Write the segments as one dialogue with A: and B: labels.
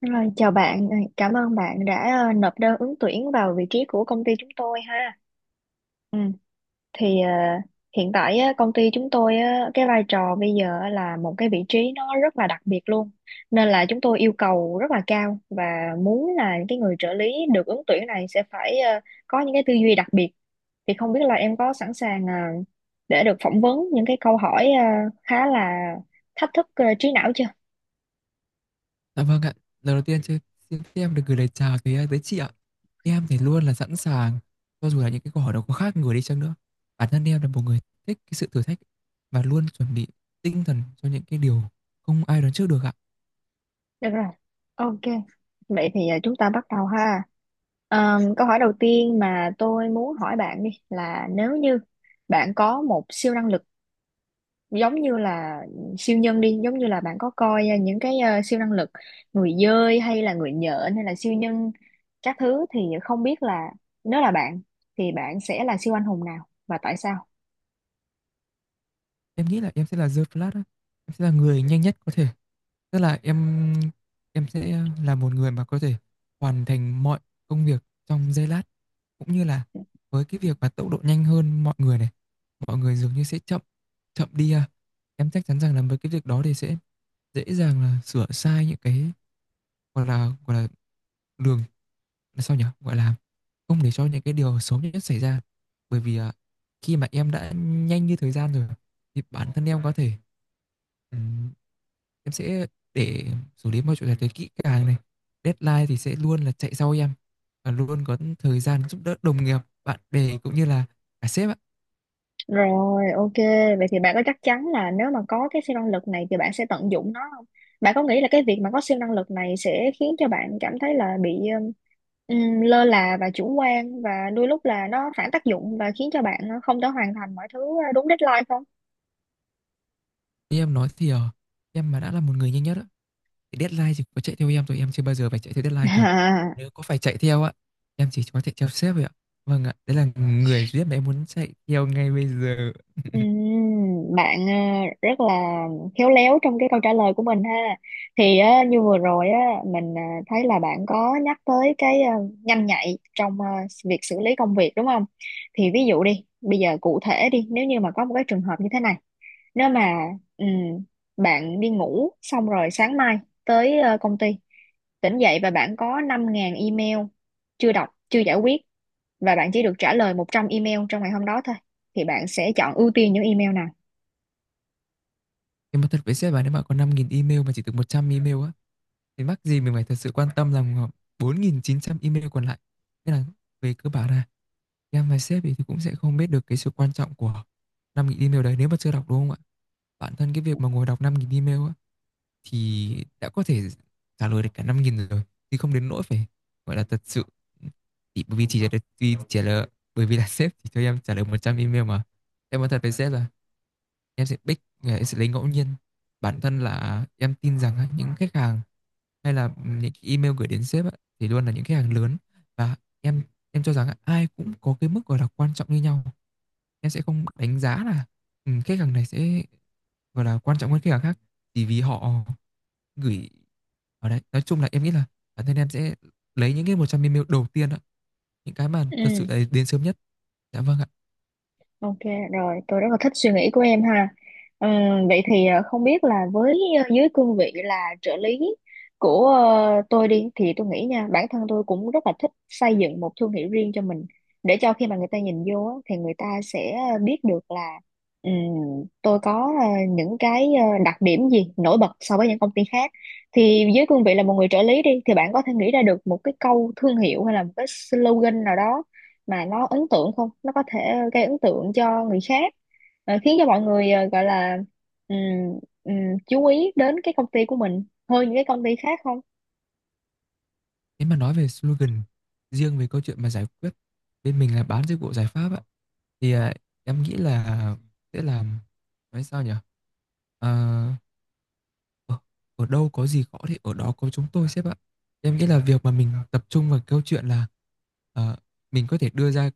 A: Rồi, chào bạn. Ờ, Cảm ơn bạn đã nộp đơn ứng tuyển vào vị trí của công ty chúng tôi ha. Ừ, thì ờ, Hiện tại á, công ty chúng tôi á, cái vai trò bây giờ á là một cái vị trí nó rất là đặc biệt luôn, nên là chúng tôi yêu cầu rất là cao và muốn là những cái người trợ lý được ứng tuyển này sẽ phải có những cái tư duy đặc biệt. Thì không biết là em có sẵn sàng để được phỏng vấn những cái câu hỏi khá là thách thức trí não chưa?
B: Dạ vâng ạ. Lần đầu tiên chứ, xin phép được gửi lời chào tới tới chị ạ. Em thì luôn là sẵn sàng cho dù là những cái câu hỏi nó có khác người đi chăng nữa. Bản thân em là một người thích cái sự thử thách và luôn chuẩn bị tinh thần cho những cái điều không ai đoán trước được ạ.
A: Được rồi, ok. Vậy thì à, chúng ta bắt đầu ha. Câu hỏi đầu tiên mà tôi muốn hỏi bạn đi là nếu như bạn có một siêu năng lực, giống như là siêu nhân đi, giống như là bạn có coi à, những cái à, siêu năng lực người dơi hay là người nhện hay là siêu nhân các thứ, thì không biết là nếu là bạn thì bạn sẽ là siêu anh hùng nào và tại sao?
B: Em nghĩ là em sẽ là The Flash á. Em sẽ là người nhanh nhất có thể. Tức là em sẽ là một người mà có thể hoàn thành mọi công việc trong giây lát, cũng như là với cái việc mà tốc độ nhanh hơn mọi người này, mọi người dường như sẽ chậm chậm đi à. Em chắc chắn rằng là với cái việc đó thì sẽ dễ dàng là sửa sai những cái, gọi là đường, là sao nhỉ? Gọi là không để cho những cái điều xấu nhất xảy ra. Bởi vì khi mà em đã nhanh như thời gian rồi thì bản thân em có thể, ừm, em sẽ để xử lý mọi chuyện thật là kỹ càng này. Deadline thì sẽ luôn là chạy sau em, và luôn có thời gian giúp đỡ đồng nghiệp, bạn bè cũng như là cả sếp ạ.
A: Rồi, ok. Vậy thì bạn có chắc chắn là nếu mà có cái siêu năng lực này thì bạn sẽ tận dụng nó không? Bạn có nghĩ là cái việc mà có siêu năng lực này sẽ khiến cho bạn cảm thấy là bị lơ là và chủ quan, và đôi lúc là nó phản tác dụng và khiến cho bạn không thể hoàn thành mọi thứ đúng deadline không?
B: Như em nói thì, em mà đã là một người nhanh nhất á, thì Deadline thì có chạy theo em thôi, em chưa bao giờ phải chạy theo deadline cả. Nếu có phải chạy theo á, em chỉ có chạy theo sếp vậy ạ. Vâng ạ, đấy là người duy nhất mà em muốn chạy theo ngay bây giờ.
A: Bạn rất là khéo léo trong cái câu trả lời của mình ha. Thì như vừa rồi á, mình thấy là bạn có nhắc tới cái nhanh nhạy trong việc xử lý công việc đúng không? Thì ví dụ đi, bây giờ cụ thể đi, nếu như mà có một cái trường hợp như thế này, nếu mà ừm, bạn đi ngủ xong rồi sáng mai tới công ty, tỉnh dậy và bạn có năm 000 email chưa đọc, chưa giải quyết, và bạn chỉ được trả lời 100 email trong ngày hôm đó thôi. Thì bạn sẽ chọn ưu tiên những email nào?
B: Em nói thật với sếp là nếu mà có 5.000 email mà chỉ được 100 email á, thì mắc gì mình phải thật sự quan tâm làm 4.900 email còn lại. Nên là về cơ bản là em và sếp thì cũng sẽ không biết được cái sự quan trọng của 5.000 email đấy nếu mà chưa đọc, đúng không ạ? Bản thân cái việc mà ngồi đọc 5.000 email á, thì đã có thể trả lời được cả 5.000 rồi, thì không đến nỗi phải gọi là thật sự, thì bởi vì chỉ là vì trả lời, bởi vì là sếp thì cho em trả lời 100 email mà. Em nói thật với sếp là em sẽ pick, em sẽ lấy ngẫu nhiên. Bản thân là em tin rằng những khách hàng hay là những email gửi đến sếp thì luôn là những khách hàng lớn, và em em cho rằng ai cũng có cái mức gọi là quan trọng như nhau. Em sẽ không đánh giá là khách hàng này sẽ gọi là quan trọng hơn khách hàng khác chỉ vì họ gửi ở đấy. Nói chung là em nghĩ là bản thân em sẽ lấy những cái 100 ml đầu tiên ạ, những cái mà thật sự
A: Ừ.
B: là đến sớm nhất. Dạ vâng ạ.
A: Ok rồi, tôi rất là thích suy nghĩ của em ha. Vậy thì không biết là với dưới cương vị là trợ lý của tôi đi, thì tôi nghĩ nha, bản thân tôi cũng rất là thích xây dựng một thương hiệu riêng cho mình, để cho khi mà người ta nhìn vô á, thì người ta sẽ biết được là ừm, tôi có những cái đặc điểm gì nổi bật so với những công ty khác. Thì dưới cương vị là một người trợ lý đi thì bạn có thể nghĩ ra được một cái câu thương hiệu hay là một cái slogan nào đó mà nó ấn tượng không, nó có thể gây ấn tượng cho người khác, khiến cho mọi người gọi là ừm, ừm, chú ý đến cái công ty của mình hơn những cái công ty khác không?
B: Nếu mà nói về slogan, riêng về câu chuyện mà giải quyết bên mình là bán dịch vụ giải pháp ạ, thì em nghĩ là sẽ làm, nói sao nhỉ. Ờ, ở, ở đâu có gì khó thì ở đó có chúng tôi, sếp ạ. Em nghĩ là việc mà mình tập trung vào câu chuyện là, ờ, mình có thể đưa ra,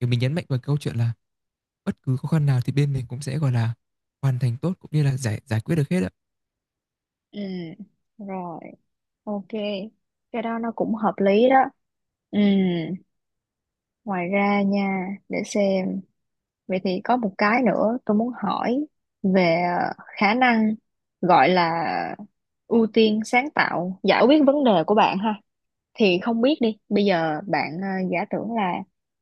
B: kiểu mình nhấn mạnh vào câu chuyện là bất cứ khó khăn nào thì bên mình cũng sẽ, gọi là, hoàn thành tốt cũng như là giải giải quyết được hết á.
A: Ừ, rồi, ok. Cái đó nó cũng hợp lý đó. Ừ, ngoài ra nha, để xem. Vậy thì có một cái nữa tôi muốn hỏi về khả năng gọi là ưu tiên sáng tạo giải quyết vấn đề của bạn ha. Thì không biết đi, bây giờ bạn giả tưởng là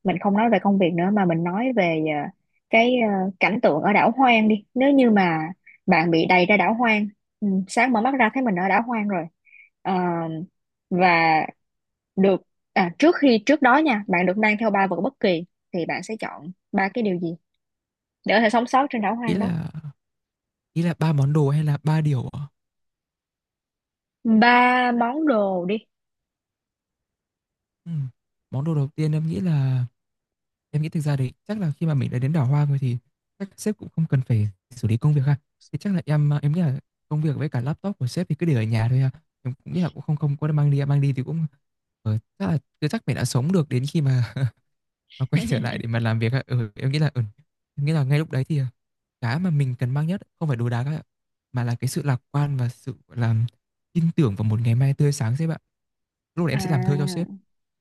A: mình không nói về công việc nữa, mà mình nói về cái cảnh tượng ở đảo hoang đi. Nếu như mà bạn bị đày ra đảo hoang, ừ, sáng mở mắt ra thấy mình ở đảo hoang rồi, Ờ, và được à, trước đó nha, bạn được mang theo ba vật bất kỳ, thì bạn sẽ chọn ba cái điều gì để có thể sống sót trên đảo
B: Ý
A: hoang đó?
B: là ý là 3 món đồ hay là 3 điều ạ?
A: Ba món đồ đi.
B: Ừm, Món đồ đầu tiên em nghĩ là, em nghĩ thực ra đấy chắc là khi mà mình đã đến đảo Hoa rồi thì chắc sếp cũng không cần phải xử lý công việc ha. Thì chắc là em nghĩ là công việc với cả laptop của sếp thì cứ để ở nhà thôi ha. Em cũng nghĩ là cũng không không có mang đi thì cũng, ờ, chắc là chắc mình đã sống được đến khi mà nó quay trở lại để mà làm việc á. Ừ, em nghĩ là, ngay lúc đấy thì cái mà mình cần mang nhất không phải đồ đạc các bạn ạ, mà là cái sự lạc quan và sự, gọi là, tin tưởng vào một ngày mai tươi sáng. Sẽ, bạn, lúc này em sẽ làm thơ cho sếp
A: À,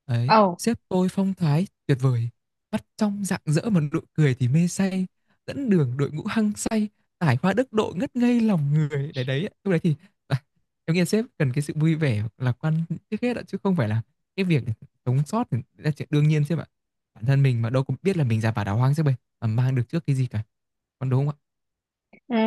B: ấy.
A: ồ.
B: Sếp tôi phong thái tuyệt vời, mắt trong rạng rỡ mà nụ cười thì mê say, dẫn đường đội ngũ hăng say, tài hoa đức độ ngất ngây lòng người. Đấy đấy, lúc đấy thì à, em nghĩ sếp cần cái sự vui vẻ lạc quan trước hết ạ, chứ không phải là cái việc. Sống sót thì là chuyện đương nhiên sếp ạ, bản thân mình mà đâu có biết là mình ra vào đào hoang sếp ơi, mà mang được trước cái gì cả, còn đúng không ạ?
A: À,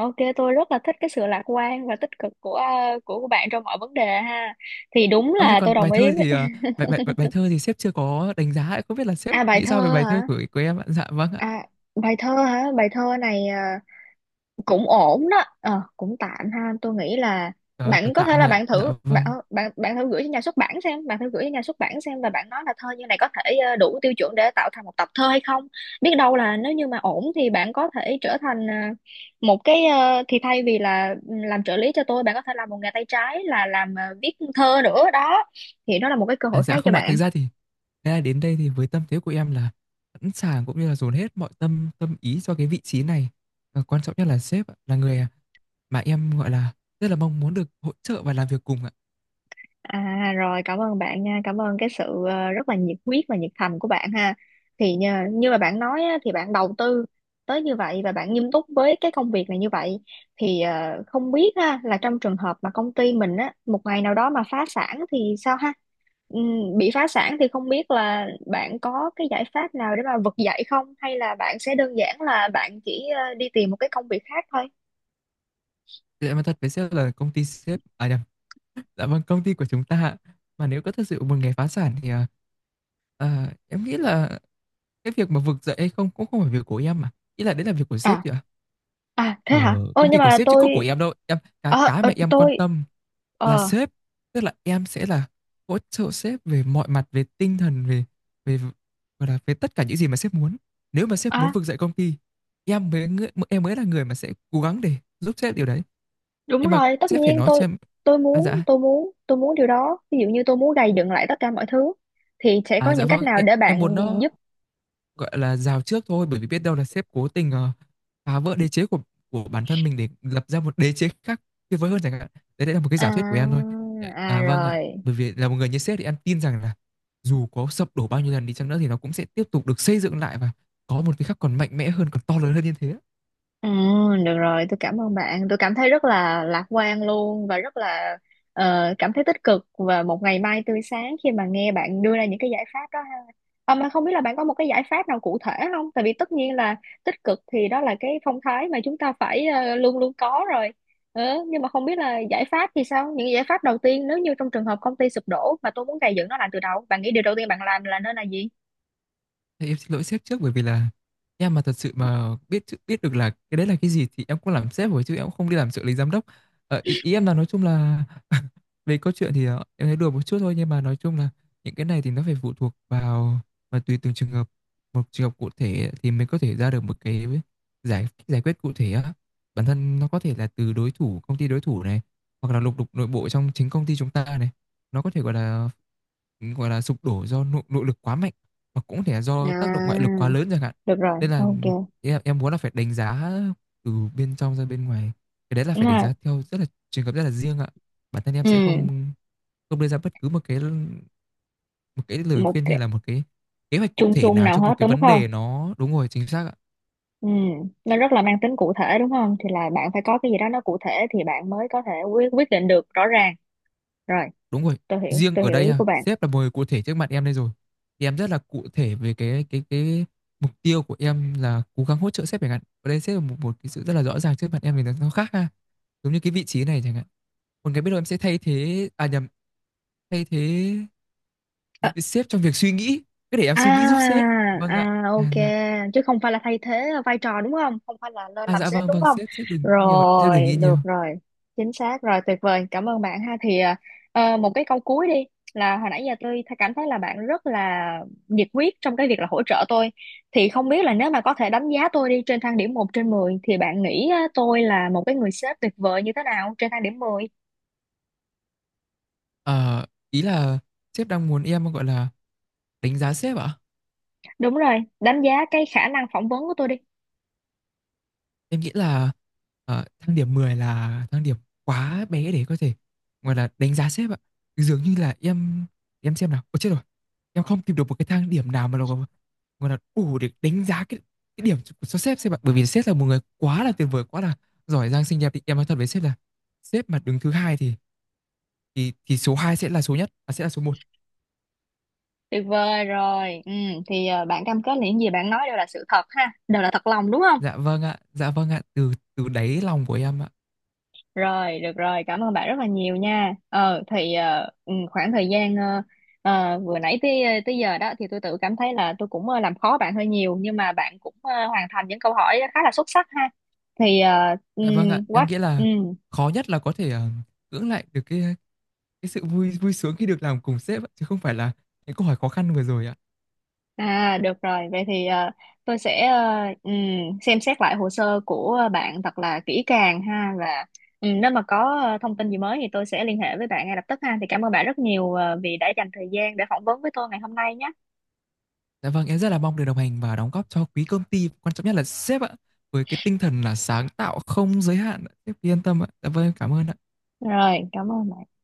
A: ok, tôi rất là thích cái sự lạc quan và tích cực của bạn trong mọi vấn đề ha. Thì đúng
B: Ơ thế
A: là tôi
B: còn
A: đồng
B: bài
A: ý
B: thơ
A: với...
B: thì à, bài, bài bài bài thơ thì sếp chưa có đánh giá ạ. Không biết là sếp
A: À, bài
B: nghĩ
A: thơ
B: sao về bài thơ
A: hả?
B: của em ạ? Dạ vâng ạ.
A: À, bài thơ hả? Bài thơ này à, cũng ổn đó, cũng tạm ha. Tôi nghĩ là
B: Trời ơi, có
A: bạn có
B: tạm
A: thể
B: thôi
A: là
B: ạ.
A: bạn
B: Dạ
A: thử bạn
B: vâng.
A: ờ, bạn bạn thử gửi cho nhà xuất bản xem, bạn thử gửi cho nhà xuất bản xem, và bạn nói là thơ như này có thể đủ tiêu chuẩn để tạo thành một tập thơ hay không. Biết đâu là nếu như mà ổn thì bạn có thể trở thành thì thay vì là ừ, làm trợ lý cho tôi, bạn có thể làm một nghề tay trái là làm viết thơ nữa đó. Thì đó là một cái cơ
B: À,
A: hội
B: dạ
A: khác cho
B: không ạ. Thực
A: bạn.
B: ra thì, thế là đến đây thì với tâm thế của em là sẵn sàng, cũng như là dồn hết mọi tâm tâm ý cho cái vị trí này. Và quan trọng nhất là sếp ạ, là người mà em gọi là rất là mong muốn được hỗ trợ và làm việc cùng ạ.
A: À rồi, cảm ơn bạn nha, cảm ơn cái sự rất là nhiệt huyết và nhiệt thành của bạn ha. Thì như mà bạn nói á, thì bạn đầu tư tới như vậy và bạn nghiêm túc với cái công việc này như vậy, thì không biết ha là trong trường hợp mà công ty mình á một ngày nào đó mà phá sản thì sao ha? Bị phá sản thì không biết là bạn có cái giải pháp nào để mà vực dậy không, hay là bạn sẽ đơn giản là bạn chỉ đi tìm một cái công việc khác thôi?
B: Thì em nói thật với sếp là công ty sếp, à nhầm, dạ vâng, công ty của chúng ta ạ. Mà nếu có thật sự một ngày phá sản thì, em nghĩ là cái việc mà vực dậy hay không cũng không phải việc của em mà. Ý là đấy là việc của sếp
A: À,
B: thì ạ.
A: à thế hả,
B: Ờ,
A: ôi
B: Công
A: nhưng
B: ty của
A: mà
B: sếp chứ
A: tôi
B: có của em đâu. Em cái
A: ờ
B: cái
A: ờ,
B: mà em quan
A: tôi
B: tâm là
A: ờ
B: sếp, tức là em sẽ là hỗ trợ sếp về mọi mặt, về tinh thần, về về gọi là về tất cả những gì mà sếp muốn. Nếu mà sếp muốn
A: à,
B: vực dậy công ty, em mới là người mà sẽ cố gắng để giúp sếp điều đấy.
A: đúng
B: Nhưng mà
A: rồi, tất
B: sếp phải
A: nhiên
B: nói
A: tôi
B: cho em.
A: tôi
B: À
A: muốn
B: dạ.
A: tôi muốn tôi muốn điều đó. Ví dụ như tôi muốn gầy dựng lại tất cả mọi thứ, thì sẽ có
B: À dạ
A: những cách
B: vâng,
A: nào để
B: em
A: bạn
B: muốn nó,
A: giúp?
B: gọi là, rào trước thôi, bởi vì biết đâu là sếp cố tình phá vỡ đế chế của bản thân mình để lập ra một đế chế khác tuyệt vời hơn chẳng hạn. Đấy, đấy là một cái giả thuyết của em
A: À,
B: thôi
A: à
B: à. Vâng ạ,
A: rồi.
B: bởi vì là một người như sếp thì em tin rằng là dù có sập đổ bao nhiêu lần đi chăng nữa thì nó cũng sẽ tiếp tục được xây dựng lại, và có một cái khác còn mạnh mẽ hơn, còn to lớn hơn như thế.
A: Ừ, được rồi, tôi cảm ơn bạn. Tôi cảm thấy rất là lạc quan luôn, và rất là cảm thấy tích cực và một ngày mai tươi sáng khi mà nghe bạn đưa ra những cái giải pháp đó. Mà không biết là bạn có một cái giải pháp nào cụ thể không? Tại vì tất nhiên là tích cực thì đó là cái phong thái mà chúng ta phải luôn luôn có rồi. Ừ, nhưng mà không biết là giải pháp thì sao? Những giải pháp đầu tiên, nếu như trong trường hợp công ty sụp đổ mà tôi muốn gây dựng nó lại từ đầu, bạn nghĩ điều đầu tiên bạn làm là nên là gì?
B: Thì em xin lỗi sếp trước, bởi vì là em mà thật sự mà biết biết được là cái đấy là cái gì thì em cũng làm sếp rồi chứ em cũng không đi làm trợ lý giám đốc. Ý em là, nói chung là, về câu chuyện thì em thấy đùa một chút thôi, nhưng mà nói chung là những cái này thì nó phải phụ thuộc vào và tùy từng trường hợp. Một trường hợp cụ thể thì mình có thể ra được một cái giải giải quyết cụ thể á. Bản thân nó có thể là từ đối thủ, công ty đối thủ này, hoặc là lục đục nội bộ trong chính công ty chúng ta này, nó có thể, gọi là, sụp đổ do nội lực quá mạnh, và cũng có thể là do
A: À,
B: tác động ngoại lực quá lớn chẳng hạn.
A: được rồi,
B: Nên là,
A: ok.
B: em muốn là phải đánh giá từ bên trong ra bên ngoài, cái đấy là
A: Đúng
B: phải đánh
A: rồi.
B: giá theo rất là trường hợp, rất là riêng ạ. Bản thân em sẽ
A: Ừ,
B: không không đưa ra bất cứ một cái, lời
A: một
B: khuyên hay
A: cái
B: là một cái kế hoạch cụ
A: chung
B: thể
A: chung
B: nào
A: nào
B: cho
A: hết
B: một cái
A: đúng
B: vấn
A: không?
B: đề nó. Đúng rồi, chính xác ạ.
A: Ừ, nó rất là mang tính cụ thể đúng không? Thì là bạn phải có cái gì đó nó cụ thể thì bạn mới có thể quyết quyết định được rõ ràng. Rồi,
B: Đúng rồi,
A: tôi hiểu,
B: riêng
A: tôi
B: ở
A: hiểu
B: đây
A: ý
B: ha,
A: của bạn.
B: sếp là một người cụ thể trước mặt em đây rồi. Thì em rất là cụ thể về cái mục tiêu của em là cố gắng hỗ trợ sếp chẳng hạn. Ở đây sếp là một cái sự rất là rõ ràng trước mặt em thì nó khác ha. Giống như cái vị trí này chẳng hạn. Còn cái, biết đâu em sẽ thay thế, à nhầm, thay thế sếp trong việc suy nghĩ, cứ để em suy nghĩ giúp
A: À,
B: sếp. Vâng ạ.
A: à ok,
B: À dạ.
A: chứ không phải là thay thế vai trò đúng không? Không phải là lên
B: À
A: làm
B: dạ
A: sếp
B: vâng,
A: đúng
B: vâng
A: không?
B: sếp sếp đừng nghĩ nhiều, sếp
A: Rồi,
B: đừng nghĩ nhiều.
A: được rồi. Chính xác rồi, tuyệt vời. Cảm ơn bạn ha. Thì một cái câu cuối đi, là hồi nãy giờ tôi thấy- cảm thấy là bạn rất là nhiệt huyết trong cái việc là hỗ trợ tôi. Thì không biết là nếu mà có thể đánh giá tôi đi trên thang điểm một trên mười, thì bạn nghĩ á, tôi là một cái người sếp tuyệt vời như thế nào trên thang điểm 10?
B: Ờ ý là sếp đang muốn em, gọi là, đánh giá sếp ạ?
A: Đúng rồi, đánh giá cái khả năng phỏng vấn của tôi đi.
B: Em nghĩ là thang điểm 10 là thang điểm quá bé để có thể, gọi là, đánh giá sếp ạ. Dường như là em xem nào. Ôi chết rồi. Em không tìm được một cái thang điểm nào mà nó, gọi gọi là đủ để đánh giá cái, điểm của cho sếp, ạ. Bởi vì sếp là một người quá là tuyệt vời, quá là giỏi giang xinh đẹp, thì em nói thật với sếp là sếp mà đứng thứ hai thì, số 2 sẽ là số nhất, à, sẽ là số một.
A: Tuyệt vời rồi. Ừ, thì bạn cam kết là những gì bạn nói đều là sự thật ha, đều là thật lòng đúng không?
B: Dạ vâng ạ, từ từ đáy lòng của em ạ.
A: Rồi, được rồi, cảm ơn bạn rất là nhiều nha. Khoảng thời gian vừa nãy tới tới giờ đó, thì tôi tự cảm thấy là tôi cũng làm khó bạn hơi nhiều, nhưng mà bạn cũng hoàn thành những câu hỏi khá là xuất sắc ha. Thì
B: Dạ vâng ạ,
A: quá
B: em nghĩ
A: ừ,
B: là khó nhất là có thể cưỡng lại được cái sự vui vui sướng khi được làm cùng sếp ạ, chứ không phải là những câu hỏi khó khăn vừa rồi ạ.
A: à được rồi. Vậy thì tôi sẽ xem xét lại hồ sơ của bạn thật là kỹ càng ha, và nếu mà có thông tin gì mới thì tôi sẽ liên hệ với bạn ngay lập tức ha. Thì cảm ơn bạn rất nhiều vì đã dành thời gian để phỏng vấn với tôi ngày hôm nay nhé.
B: Dạ vâng, em rất là mong được đồng hành và đóng góp cho quý công ty, quan trọng nhất là sếp ạ, với cái tinh thần là sáng tạo không giới hạn ạ. Sếp cứ yên tâm ạ. Dạ vâng, em cảm ơn ạ.
A: Rồi, cảm ơn bạn.